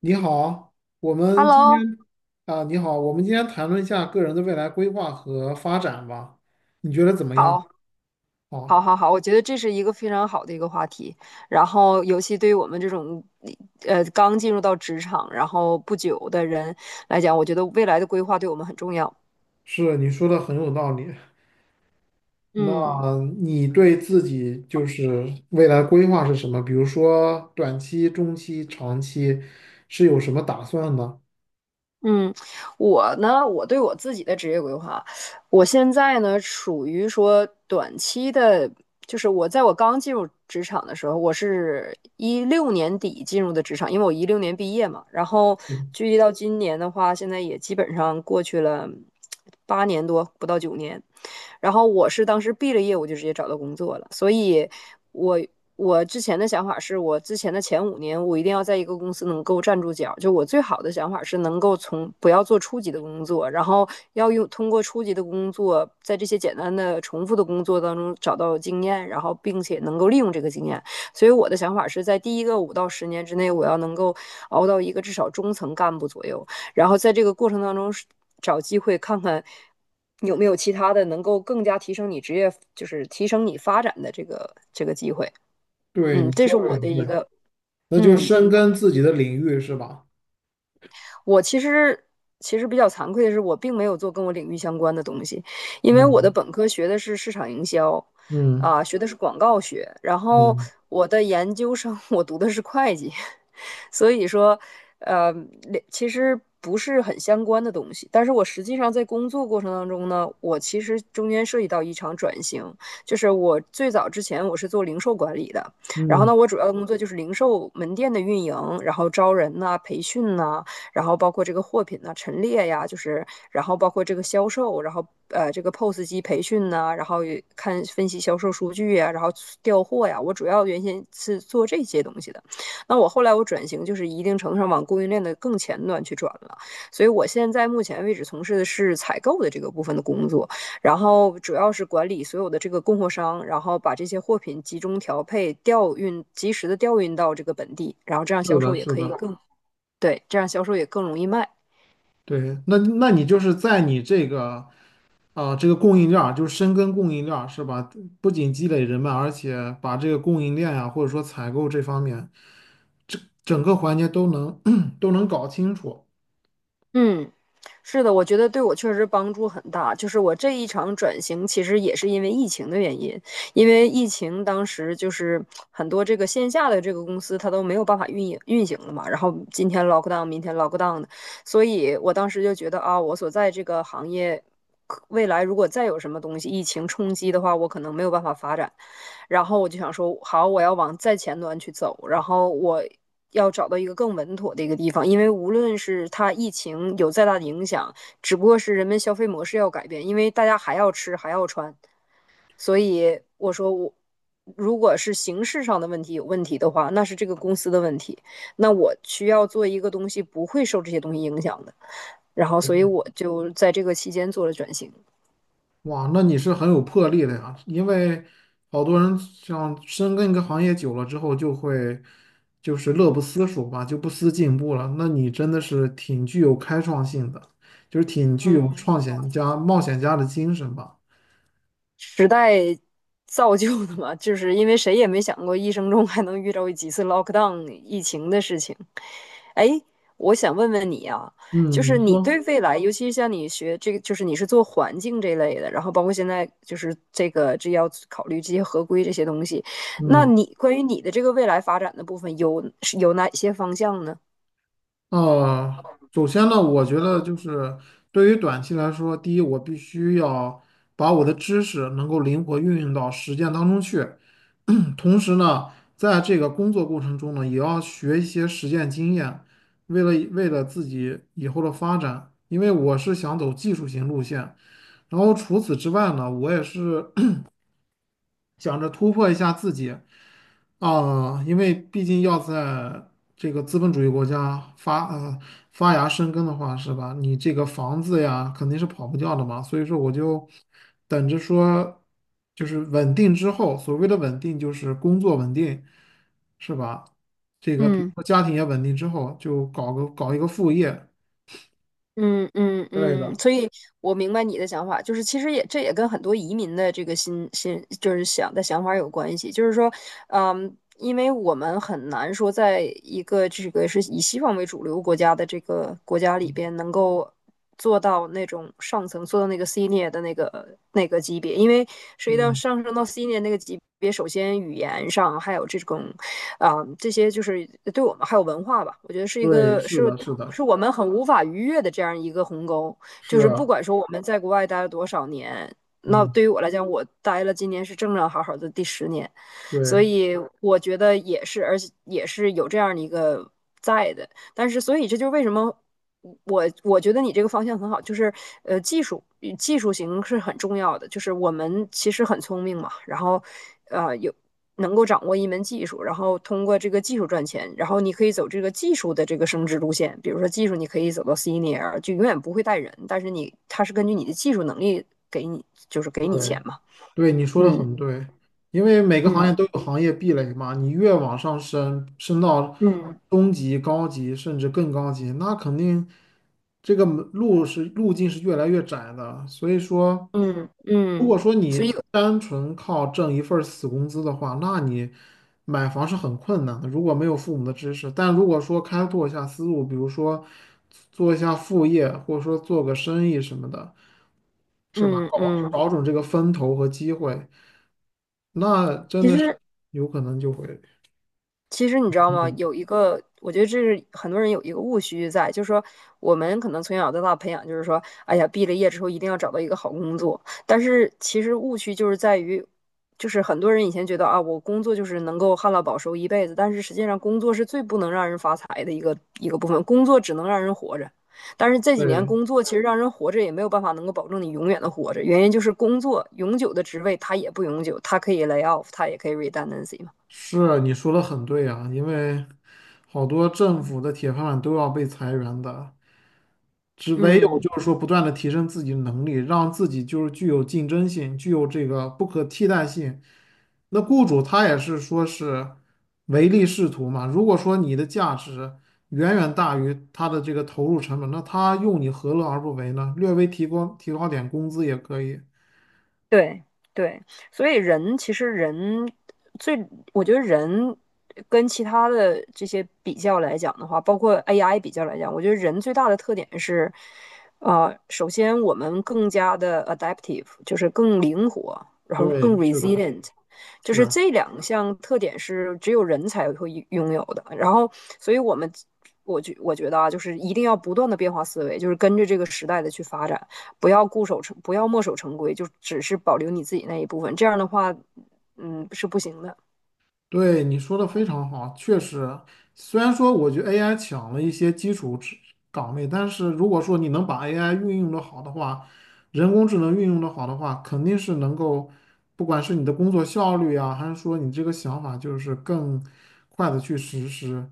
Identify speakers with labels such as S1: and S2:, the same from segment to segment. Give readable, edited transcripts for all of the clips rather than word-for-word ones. S1: 你好，我们今
S2: Hello，
S1: 天你好，我们今天谈论一下个人的未来规划和发展吧，你觉得怎么样？
S2: 好，
S1: 啊，
S2: 好，我觉得这是一个非常好的一个话题。然后，尤其对于我们这种刚进入到职场，然后不久的人来讲，我觉得未来的规划对我们很重要。
S1: 是，你说的很有道理。那
S2: 嗯。
S1: 你对自己就是未来规划是什么？比如说短期、中期、长期是有什么打算呢？
S2: 嗯，我呢，我对我自己的职业规划，我现在呢属于说短期的，就是我刚进入职场的时候，我是一六年底进入的职场，因为我一六年毕业嘛，然后
S1: 嗯，
S2: 距离到今年的话，现在也基本上过去了8年多，不到9年。然后我是当时毕了业，我就直接找到工作了，所以我我之前的想法是我之前的前5年，我一定要在一个公司能够站住脚。就我最好的想法是能够不要做初级的工作，然后要通过初级的工作，在这些简单的重复的工作当中找到经验，然后并且能够利用这个经验。所以我的想法是在第一个5到10年之内，我要能够熬到一个至少中层干部左右。然后在这个过程当中找机会看看有没有其他的能够更加提升你职业，就是提升你发展的这个机会。
S1: 对，
S2: 嗯，
S1: 你
S2: 这
S1: 说
S2: 是
S1: 的
S2: 我
S1: 很
S2: 的一
S1: 对，
S2: 个
S1: 那就
S2: 嗯。
S1: 深耕自己的领域是吧？
S2: 我其实比较惭愧的是，我并没有做跟我领域相关的东西，因为我的
S1: 嗯
S2: 本科学的是市场营销，
S1: 嗯
S2: 啊、学的是广告学，然后
S1: 嗯
S2: 我的研究生我读的是会计，所以说，呃，其实不是很相关的东西。但是我实际上在工作过程当中呢，我其实中间涉及到一场转型，就是我最早之前我是做零售管理的，然后
S1: 嗯，
S2: 呢，我主要的工作就是零售门店的运营，然后招人呐、啊培训呐、啊然后包括这个货品呢陈列呀，就是然后包括这个销售，然后这个 POS 机培训呐、然后看分析销售数据呀，然后调货呀，我主要原先是做这些东西的。那我后来我转型，就是一定程度上往供应链的更前端去转了。所以我现在目前为止从事的是采购的这个部分的工作，然后主要是管理所有的这个供货商，然后把这些货品集中调配、调运、及时的调运到这个本地，然后这样
S1: 是
S2: 销
S1: 的，
S2: 售也
S1: 是
S2: 可以
S1: 的。
S2: 更对，这样销售也更容易卖。
S1: 对，那你就是在你这个这个供应链儿就是深耕供应链儿，是吧？不仅积累人脉，而且把这个供应链呀、或者说采购这方面，整整个环节都能 都能搞清楚。
S2: 嗯，是的，我觉得对我确实帮助很大。就是我这一场转型，其实也是因为疫情的原因，因为疫情当时就是很多这个线下的这个公司它都没有办法运营运行了嘛，然后今天 lock down，明天 lock down 的，所以我当时就觉得啊，我所在这个行业。未来如果再有什么东西疫情冲击的话，我可能没有办法发展，然后我就想说，好，我要往再前端去走，然后我要找到一个更稳妥的一个地方，因为无论是它疫情有再大的影响，只不过是人们消费模式要改变，因为大家还要吃还要穿，所以我说我如果是形式上的问题有问题的话，那是这个公司的问题，那我需要做一个东西不会受这些东西影响的，然后所以我就在这个期间做了转型，
S1: 哇，那你是很有魄力的呀，因为好多人像深耕一个行业久了之后，就会就是乐不思蜀吧，就不思进步了。那你真的是挺具有开创性的，就是挺具有
S2: 嗯。
S1: 创险家、冒险家的精神吧。
S2: 时代造就的嘛，就是因为谁也没想过一生中还能遇到几次 lockdown 疫情的事情。哎，我想问问你啊，就
S1: 嗯，
S2: 是
S1: 你
S2: 你
S1: 说，
S2: 对未来，尤其是像你学这个，就是你是做环境这类的，然后包括现在就是这要考虑这些合规这些东西，那
S1: 嗯。
S2: 你关于你的这个未来发展的部分是有哪些方向呢？
S1: 首先呢，我觉得就是对于短期来说，第一，我必须要把我的知识能够灵活运用到实践当中去，同时呢，在这个工作过程中呢，也要学一些实践经验，为了自己以后的发展，因为我是想走技术型路线。然后除此之外呢，我也是想着突破一下自己。啊，因为毕竟要在这个资本主义国家发芽生根的话，是吧？你这个房子呀，肯定是跑不掉的嘛。所以说，我就等着说，就是稳定之后，所谓的稳定就是工作稳定，是吧？这个比如
S2: 嗯。
S1: 说家庭也稳定之后，就搞个搞一个副业之类
S2: 嗯，
S1: 的。
S2: 所以我明白你的想法，就是其实也这也跟很多移民的这个心就是想法有关系，就是说，嗯，因为我们很难说在一个这个是以西方为主流国家的这个国家里边能够。做到那种上层，做到那个 senior 的那个级别，因为涉及到
S1: 嗯，
S2: 上升到 senior 那个级别，首先语言上还有这种，这些就是对我们还有文化吧，我觉得是一
S1: 对，
S2: 个
S1: 是的，是的，
S2: 是我们很无法逾越的这样一个鸿沟，就
S1: 是
S2: 是不
S1: 啊，
S2: 管说我们在国外待了多少年。那
S1: 嗯，
S2: 对于我来讲，我待了今年是正正好好的第10年，所
S1: 对。
S2: 以我觉得也是，而且也是有这样的一个在的，但是，所以这就是为什么我觉得你这个方向很好，就是呃，技术技术型是很重要的。就是我们其实很聪明嘛，然后有能够掌握一门技术，然后通过这个技术赚钱，然后你可以走这个技术的这个升职路线。比如说技术，你可以走到 senior，就永远不会带人，但是它是根据你的技术能力给你，就是给你钱
S1: 对，
S2: 嘛。
S1: 对，你说的
S2: 嗯
S1: 很对，因为每个行业都
S2: 嗯
S1: 有行业壁垒嘛，你越往上升，升到
S2: 嗯
S1: 中级、高级，甚至更高级，那肯定这个门路是路径是越来越窄的。所以说，
S2: 嗯
S1: 如
S2: 嗯
S1: 果
S2: 嗯，
S1: 说
S2: 所以
S1: 你单纯靠挣一份儿死工资的话，那你买房是很困难的，如果没有父母的支持。但如果说开拓一下思路，比如说做一下副业，或者说做个生意什么的。是吧？
S2: 嗯
S1: 搞
S2: 嗯
S1: 找准这个风头和机会，那真
S2: 其
S1: 的是
S2: 实
S1: 有可能就会，
S2: 你知道吗？
S1: 嗯
S2: 有一个，我觉得这是很多人有一个误区在，就是说我们可能从小到大培养，就是说，哎呀，毕了业之后一定要找到一个好工作。但是其实误区就是在于，就是很多人以前觉得啊，我工作就是能够旱涝保收一辈子，但是实际上工作是最不能让人发财的一个部分，工作只能让人活着。但是这几年
S1: 对，
S2: 工作其实让人活着也没有办法能够保证你永远的活着，原因就是工作永久的职位它也不永久，它可以 lay off，它也可以 redundancy 嘛。
S1: 是啊你说的很对啊，因为好多政府的铁饭碗都要被裁员的，只唯有
S2: 嗯。
S1: 就是说不断的提升自己的能力，让自己就是具有竞争性，具有这个不可替代性。那雇主他也是说是唯利是图嘛。如果说你的价值远远大于他的这个投入成本，那他用你何乐而不为呢？略微提高点工资也可以。
S2: 对对，所以人其实人最，我觉得人跟其他的这些比较来讲的话，包括 AI 比较来讲，我觉得人最大的特点是，首先我们更加的 adaptive，就是更灵活，然后更
S1: 对，是的，
S2: resilient，就是
S1: 是。
S2: 这两项特点是只有人才会拥有的。然后，所以我觉得啊，就是一定要不断的变化思维，就是跟着这个时代的去发展。不要固守成，不要墨守成规，就只是保留你自己那一部分。这样的话，嗯，是不行的。
S1: 对，你说的非常好，确实，虽然说我觉得 AI 抢了一些基础职岗位，但是如果说你能把 AI 运用的好的话，人工智能运用的好的话，肯定是能够，不管是你的工作效率啊，还是说你这个想法，就是更快的去实施。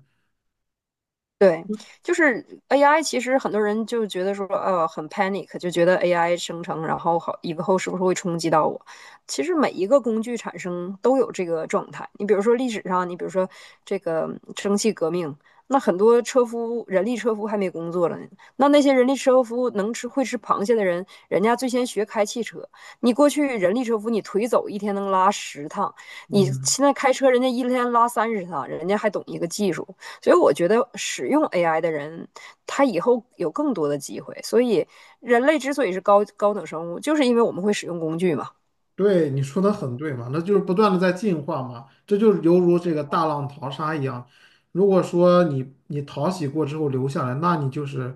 S2: 对，就是 AI，其实很多人就觉得说，很 panic，就觉得 AI 生成，然后好以后是不是会冲击到我？其实每一个工具产生都有这个状态。你比如说历史上，你比如说这个蒸汽革命，那很多人力车夫还没工作了呢。那那些人力车夫会吃螃蟹的人，人家最先学开汽车。你过去人力车夫，你腿走一天能拉十趟，你
S1: 嗯，
S2: 现在开车，人家一天拉30趟，人家还懂一个技术。所以我觉得使用 AI 的人，他以后有更多的机会。所以人类之所以是高等生物，就是因为我们会使用工具嘛。
S1: 对，你说的很对嘛，那就是不断的在进化嘛，这就是犹如这个大浪淘沙一样。如果说你淘洗过之后留下来，那你就是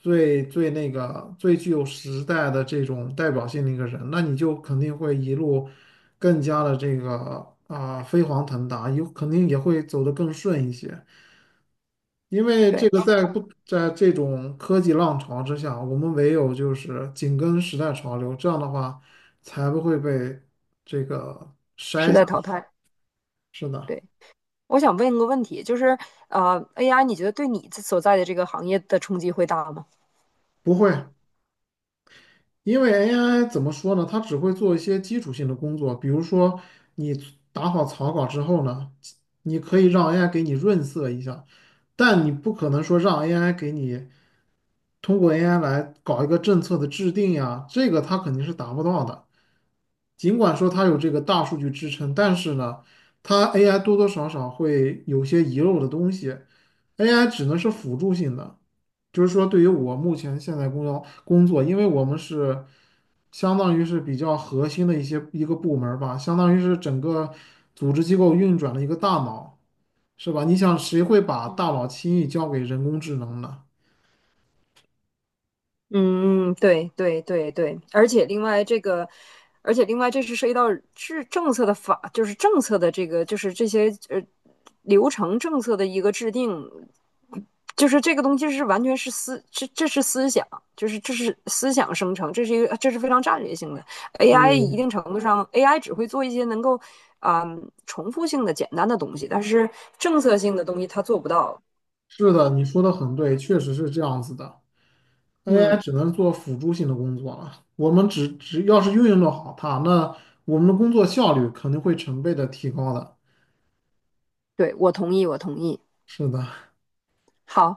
S1: 最最那个最具有时代的这种代表性的一个人，那你就肯定会一路更加的飞黄腾达，有肯定也会走得更顺一些。因为这
S2: 对，
S1: 个在不在这种科技浪潮之下，我们唯有就是紧跟时代潮流，这样的话才不会被这个筛
S2: 是在
S1: 下去。
S2: 淘汰。
S1: 是的，
S2: 对，我想问一个问题，就是AI 你觉得对你所在的这个行业的冲击会大吗？
S1: 不会，因为 AI 怎么说呢？它只会做一些基础性的工作，比如说你打好草稿之后呢，你可以让 AI 给你润色一下，但你不可能说让 AI 给你通过 AI 来搞一个政策的制定呀，这个它肯定是达不到的。尽管说它有这个大数据支撑，但是呢，它 AI 多多少少会有些遗漏的东西，AI 只能是辅助性的，就是说对于我目前现在工作，因为我们是相当于是比较核心的一个部门儿吧，相当于是整个组织机构运转的一个大脑，是吧？你想谁会把
S2: 嗯，
S1: 大脑轻易交给人工智能呢？
S2: 嗯，对对对对，而且另外这个，而且另外这是涉及到制政策的法，就是政策的这个，就是这些流程政策的一个制定，就是这个东西是完全是思，这是思想，就是这是思想生成，这是这是非常战略性的 AI。一
S1: 对，
S2: 定程度上，AI 只会做一些能够重复性的简单的东西，但是政策性的东西它做不到。
S1: 是的，你说的很对，确实是这样子的。AI
S2: 嗯，
S1: 只能做辅助性的工作了。我们只要是运用的好它，那我们的工作效率肯定会成倍的提高的。
S2: 对，我同意，我同意。
S1: 是的，
S2: 好，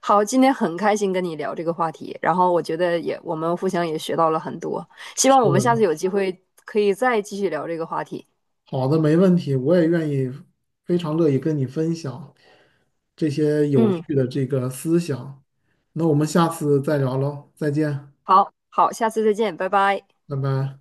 S2: 好，今天很开心跟你聊这个话题，然后我觉得我们互相也学到了很多，希
S1: 是
S2: 望我们下次
S1: 的，
S2: 有机会可以再继续聊这个话题。
S1: 好的，没问题，我也愿意，非常乐意跟你分享这些有
S2: 嗯，
S1: 趣的这个思想。那我们下次再聊喽，再见，
S2: 好，好，下次再见，拜拜。
S1: 拜拜。